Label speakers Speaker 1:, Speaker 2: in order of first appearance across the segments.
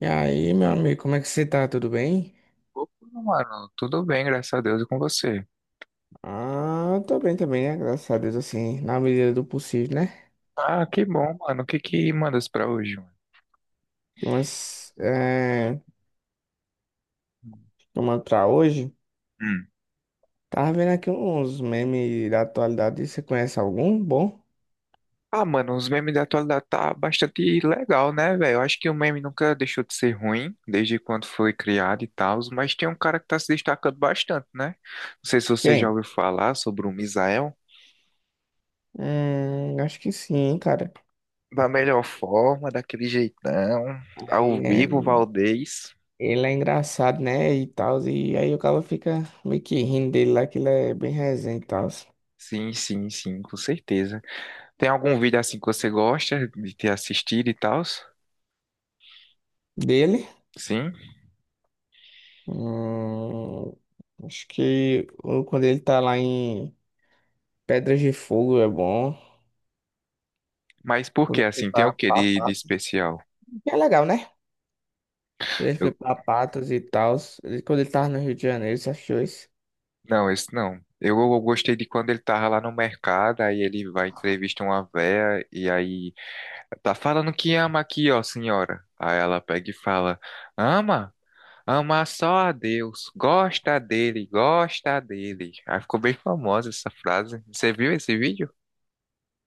Speaker 1: E aí, meu amigo, como é que você tá? Tudo bem?
Speaker 2: Opa, mano, tudo bem, graças a Deus, e com você?
Speaker 1: Ah, tô bem também, né? Graças a Deus, assim, na medida do possível, né?
Speaker 2: Ah, que bom, mano. O que que mandas pra hoje, mano?
Speaker 1: Mas, tomando pra hoje,
Speaker 2: Hum.
Speaker 1: tava vendo aqui uns memes da atualidade. Você conhece algum bom?
Speaker 2: Ah, mano, os memes da atualidade tá bastante legal, né, velho? Eu acho que o meme nunca deixou de ser ruim, desde quando foi criado e tal, mas tem um cara que tá se destacando bastante, né? Não sei se você já
Speaker 1: Quem?
Speaker 2: ouviu falar sobre o Misael.
Speaker 1: Acho que sim, cara.
Speaker 2: Da melhor forma, daquele jeitão, ao
Speaker 1: É,
Speaker 2: vivo, Valdez.
Speaker 1: ele é engraçado, né? E tal, e aí o cara fica meio que rindo dele lá, que ele é bem resenha e tal.
Speaker 2: Sim, sim, sim, com certeza. Tem algum vídeo assim que você gosta de ter assistido e tal?
Speaker 1: Dele?
Speaker 2: Sim?
Speaker 1: Hum, Acho que quando ele tá lá em. Pedras de Fogo é bom.
Speaker 2: Mas por
Speaker 1: Quando
Speaker 2: que
Speaker 1: ele foi
Speaker 2: assim? Tem o
Speaker 1: pra,
Speaker 2: que
Speaker 1: pra
Speaker 2: de
Speaker 1: Patos.
Speaker 2: especial?
Speaker 1: Que é legal, né? Quando ele foi
Speaker 2: Eu,
Speaker 1: pra Patos e tal. Quando ele tava no Rio de Janeiro, você achou isso?
Speaker 2: não, esse não. Eu gostei de quando ele tava lá no mercado, aí ele vai entrevista uma véia e aí tá falando que ama aqui, ó, senhora. Aí ela pega e fala: "Ama? Ama só a Deus, gosta dele, gosta dele". Aí ficou bem famosa essa frase. Você viu esse vídeo?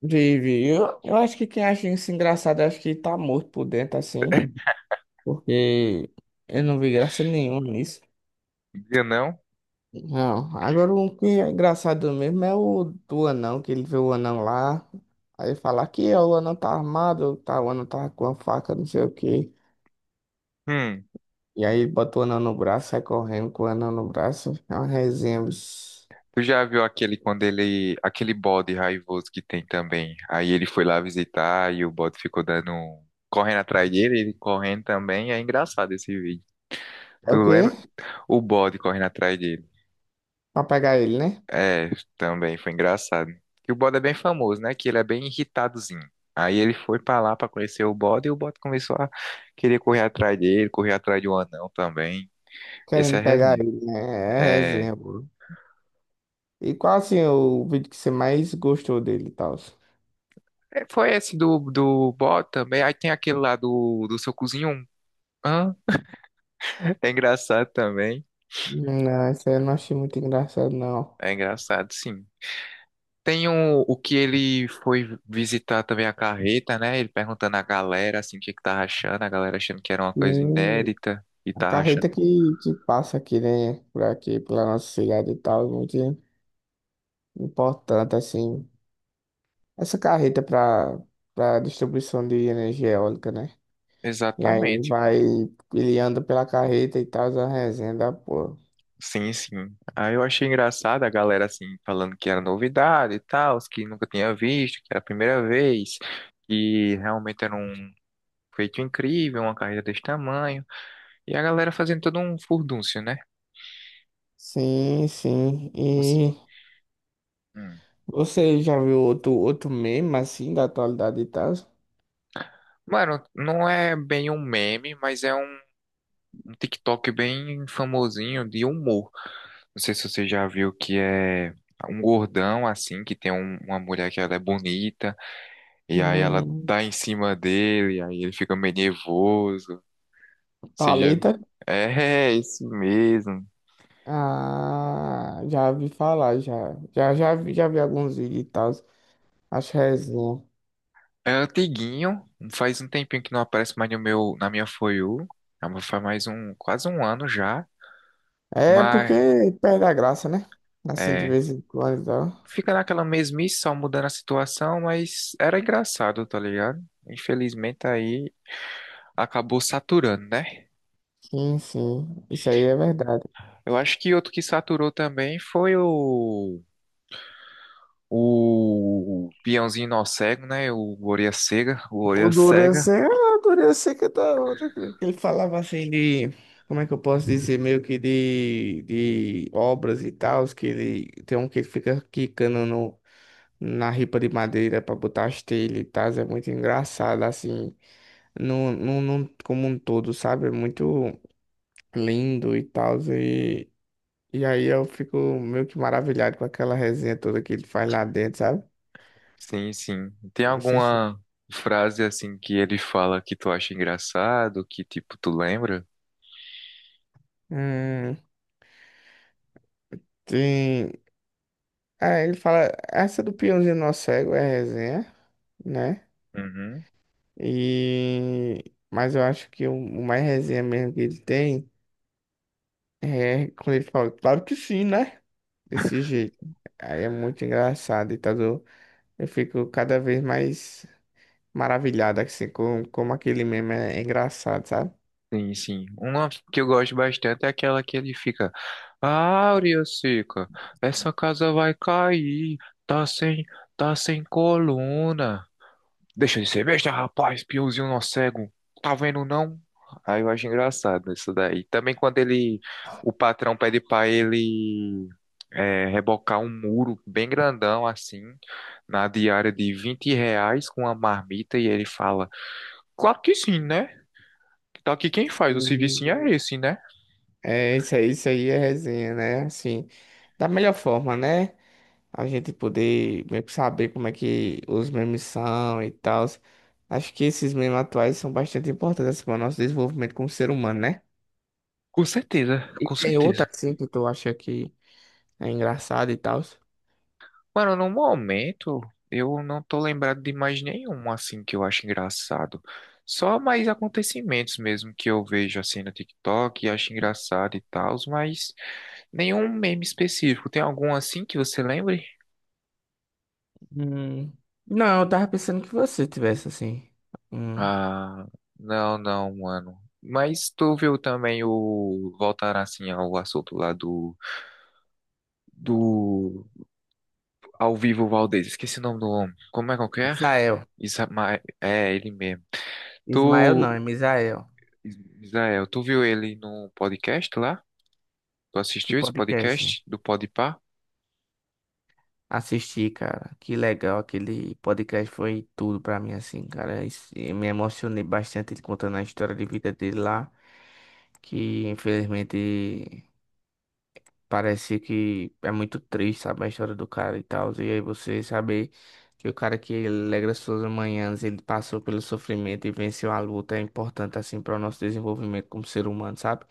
Speaker 1: Vive. Eu acho que quem acha isso engraçado, eu acho que tá morto por dentro, assim. Porque eu não vi graça nenhuma nisso.
Speaker 2: Eu não?
Speaker 1: Não. Agora o que é engraçado mesmo é o do anão, que ele vê o anão lá. Aí fala que é, o anão tá armado, tá, o anão tá com a faca, não sei o quê.
Speaker 2: Hum.
Speaker 1: E aí ele bota o anel no braço, sai correndo com o anel no braço. É uma resenha, bicho.
Speaker 2: Tu já viu aquele quando ele, aquele bode raivoso que tem também? Aí ele foi lá visitar e o bode ficou dando, correndo atrás dele, ele correndo também. É engraçado esse vídeo.
Speaker 1: É
Speaker 2: Tu
Speaker 1: o quê?
Speaker 2: lembra? O bode correndo atrás dele.
Speaker 1: Pra pegar ele, né?
Speaker 2: É, também foi engraçado. Que o bode é bem famoso, né? Que ele é bem irritadozinho. Aí ele foi pra lá pra conhecer o bode e o bode começou a querer correr atrás dele, correr atrás de um anão também. Esse é
Speaker 1: Querendo pegar
Speaker 2: resenha.
Speaker 1: ele, né? É
Speaker 2: É,
Speaker 1: resenha, pô. E qual assim o vídeo que você mais gostou dele e tal?
Speaker 2: é, foi esse do bode também. Aí tem aquele lá do seu cozinho. É engraçado também.
Speaker 1: Não, esse aí eu não achei muito engraçado, não.
Speaker 2: É engraçado, sim. Tem o que ele foi visitar também a carreta, né? Ele perguntando à galera, assim, o que é que tava achando. A galera achando que era uma
Speaker 1: E
Speaker 2: coisa inédita e
Speaker 1: a
Speaker 2: tava achando
Speaker 1: carreta
Speaker 2: bom.
Speaker 1: que passa aqui, né? Por aqui, pela nossa cidade e tal, é muito importante, assim. Essa carreta para distribuição de energia eólica, né? E aí ele
Speaker 2: Exatamente.
Speaker 1: vai, ele anda pela carreta e tal, a resenha da porra.
Speaker 2: Sim, sim. Aí eu achei engraçado a galera, assim, falando que era novidade e tal, os que nunca tinha visto, que era a primeira vez, que realmente era um feito incrível, uma carreta desse tamanho. E a galera fazendo todo um furdúncio, né?
Speaker 1: Sim, sim.
Speaker 2: Você-
Speaker 1: E
Speaker 2: hum.
Speaker 1: você já viu outro meme assim da atualidade e tal?
Speaker 2: Mano, não é bem um meme, mas é um TikTok bem famosinho de humor. Não sei se você já viu que é um gordão assim, que tem uma mulher que ela é bonita, e aí ela
Speaker 1: Hum,
Speaker 2: dá em cima dele, e aí ele fica meio nervoso. Você já
Speaker 1: Thalita?
Speaker 2: é, é esse mesmo.
Speaker 1: Ah, já vi falar, já. Já, já vi alguns vídeos e tal. Acho resenha.
Speaker 2: É antiguinho, faz um tempinho que não aparece mais no meu, na minha For You. Ah, mas faz mais um, quase um ano já.
Speaker 1: É porque
Speaker 2: Mas.
Speaker 1: perde a graça, né? Assim, de
Speaker 2: É,
Speaker 1: vez em quando e tal.
Speaker 2: fica naquela mesmice, só mudando a situação, mas era engraçado, tá ligado? Infelizmente aí acabou saturando, né?
Speaker 1: Sim, sim. Isso aí é verdade.
Speaker 2: Eu acho que outro que saturou também foi o peãozinho nó cego, né? O orelha cega, o
Speaker 1: O
Speaker 2: orelha
Speaker 1: Dorian
Speaker 2: cega.
Speaker 1: Seca, ah, o Dorian Seca é da hora, cara. Ele falava assim de, como é que eu posso dizer, meio que de obras e tal, que ele tem um que fica quicando no, na ripa de madeira pra botar as telhas e tal, é muito engraçado, assim, como um todo, sabe? É muito lindo e tal, e aí eu fico meio que maravilhado com aquela resenha toda que ele faz lá dentro, sabe?
Speaker 2: Sim, sim. Tem
Speaker 1: Não sei se.
Speaker 2: alguma frase assim que ele fala que tu acha engraçado, que tipo tu lembra?
Speaker 1: Hum, sim. Aí ele fala, essa do peãozinho nosso cego é resenha, né?
Speaker 2: Uhum.
Speaker 1: E. Mas eu acho que o mais resenha mesmo que ele tem é quando ele fala, claro que sim, né? Desse jeito. Aí é muito engraçado, e tá do. Eu fico cada vez mais maravilhado, assim, com como aquele meme é engraçado, sabe?
Speaker 2: Sim, sim. Uma que eu gosto bastante é aquela que ele fica. Áurea seca, essa casa vai cair. Tá sem, tá sem coluna. Deixa de ser besta, rapaz, peãozinho não cego. Tá vendo não? Aí eu acho engraçado isso daí. Também quando ele, o patrão pede pra ele é, rebocar um muro bem grandão assim, na diária de 20 reais com uma marmita e ele fala, claro que sim, né? Tá aqui quem faz, o serviço é
Speaker 1: Sim.
Speaker 2: esse, né?
Speaker 1: É, isso aí é resenha, né? Assim, da melhor forma, né? A gente poder meio que saber como é que os memes são e tal. Acho que esses memes atuais são bastante importantes para o nosso desenvolvimento como ser humano, né?
Speaker 2: Com certeza,
Speaker 1: E
Speaker 2: com
Speaker 1: tem
Speaker 2: certeza.
Speaker 1: outra assim que tu acha que é engraçado e tal.
Speaker 2: Mano, no momento eu não tô lembrado de mais nenhum assim que eu acho engraçado. Só mais acontecimentos mesmo que eu vejo assim no TikTok e acho engraçado e tal, mas nenhum meme específico. Tem algum assim que você lembre?
Speaker 1: Hum, não, eu tava pensando que você tivesse assim. Hum,
Speaker 2: Ah, não, não, mano. Mas tu viu também o voltar assim ao assunto lá do ao vivo Valdez. Esqueci o nome do homem. Como é que é?
Speaker 1: Misael.
Speaker 2: Isamael, é ele mesmo.
Speaker 1: Ismael
Speaker 2: Tu,
Speaker 1: não, é Misael.
Speaker 2: Israel, tu viu ele no podcast lá? Tu
Speaker 1: Que
Speaker 2: assistiu esse
Speaker 1: podcast?
Speaker 2: podcast do Podpah?
Speaker 1: Assisti, cara. Que legal. Aquele podcast foi tudo pra mim, assim, cara. E me emocionei bastante ele contando a história de vida dele lá. Que infelizmente parece que é muito triste, sabe? A história do cara e tal. E aí você saber que o cara que alegra suas manhãs, ele passou pelo sofrimento e venceu a luta é importante, assim, para o nosso desenvolvimento como ser humano, sabe?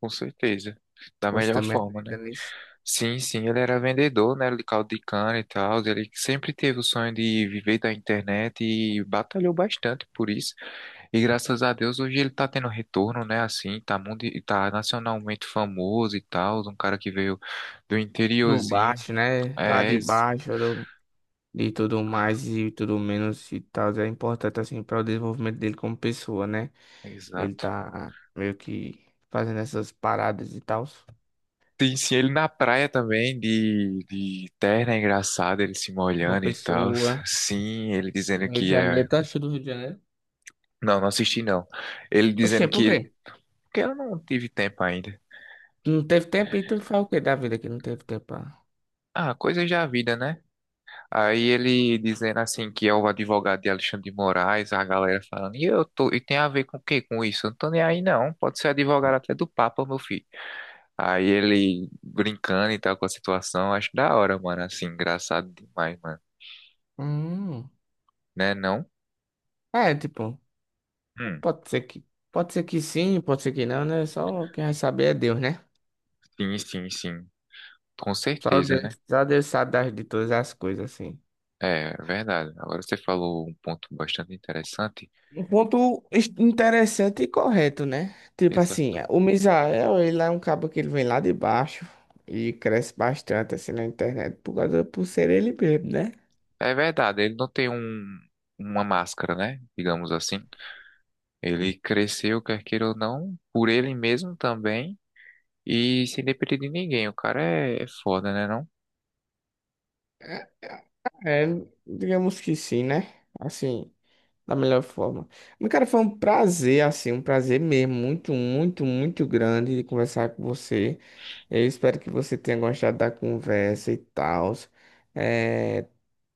Speaker 2: Com certeza. Da
Speaker 1: Você
Speaker 2: melhor
Speaker 1: também
Speaker 2: forma, né?
Speaker 1: acredita nisso?
Speaker 2: Sim, sim, ele era vendedor, né? De caldo de cana e tal. Ele sempre teve o sonho de viver da internet e batalhou bastante por isso. E graças a Deus hoje ele tá tendo retorno, né? Assim, tá, mundi tá nacionalmente famoso e tal. Um cara que veio do
Speaker 1: Do
Speaker 2: interiorzinho.
Speaker 1: baixo, né? Lá
Speaker 2: É,
Speaker 1: de baixo, do de tudo mais e tudo menos e tal, é importante assim para o desenvolvimento dele como pessoa, né? Ele
Speaker 2: exato.
Speaker 1: tá meio que fazendo essas paradas e tal.
Speaker 2: Sim, sim, ele na praia também, de terno, é engraçado, ele se
Speaker 1: João
Speaker 2: molhando e tal.
Speaker 1: Pessoa,
Speaker 2: Sim, ele dizendo
Speaker 1: Rio de
Speaker 2: que é.
Speaker 1: Janeiro, tá achando do Rio de Janeiro?
Speaker 2: Não, não assisti não. Ele
Speaker 1: Oxê,
Speaker 2: dizendo que
Speaker 1: por quê?
Speaker 2: ele. Porque eu não tive tempo ainda.
Speaker 1: Tu não teve tempo e tu faz o quê da vida que não teve tempo?
Speaker 2: Ah, coisa já vida, né? Aí ele dizendo assim que é o advogado de Alexandre de Moraes, a galera falando, e eu tô, e tem a ver com o quê com isso? Eu não tô nem aí não, pode ser advogado até do Papa, meu filho. Aí ele brincando e tal com a situação, acho da hora, mano, assim, engraçado demais, mano,
Speaker 1: Hum.
Speaker 2: né não?
Speaker 1: É, tipo,
Speaker 2: Hum.
Speaker 1: pode ser que pode ser que sim, pode ser que não, né? Só quem vai saber é Deus, né?
Speaker 2: Sim, sim, sim. Com
Speaker 1: Só
Speaker 2: certeza,
Speaker 1: Deus,
Speaker 2: né?
Speaker 1: só Deus sabe das, de todas as coisas, assim.
Speaker 2: É verdade. Agora você falou um ponto bastante interessante.
Speaker 1: Um ponto interessante e correto, né? Tipo assim,
Speaker 2: Exato.
Speaker 1: o Misael, ele é um cabo que ele vem lá de baixo e cresce bastante assim na internet por causa, por ser ele mesmo, né?
Speaker 2: É verdade, ele não tem um, uma máscara, né? Digamos assim. Ele cresceu, quer queira ou não, por ele mesmo também. E sem depender de ninguém. O cara é, é foda, né, não?
Speaker 1: É, digamos que sim, né? Assim, da melhor forma. Mas, cara, foi um prazer, assim, um prazer mesmo, muito, muito, muito grande de conversar com você. Eu espero que você tenha gostado da conversa e tal. É,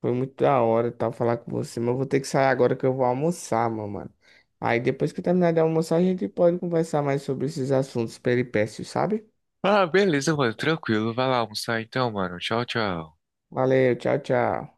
Speaker 1: foi muito da hora e tal falar com você, mas eu vou ter que sair agora que eu vou almoçar, meu mano. Aí depois que eu terminar de almoçar, a gente pode conversar mais sobre esses assuntos peripécios, sabe?
Speaker 2: Ah, beleza, mano. Tranquilo. Vai lá almoçar então, mano. Tchau, tchau.
Speaker 1: Valeu, tchau, tchau.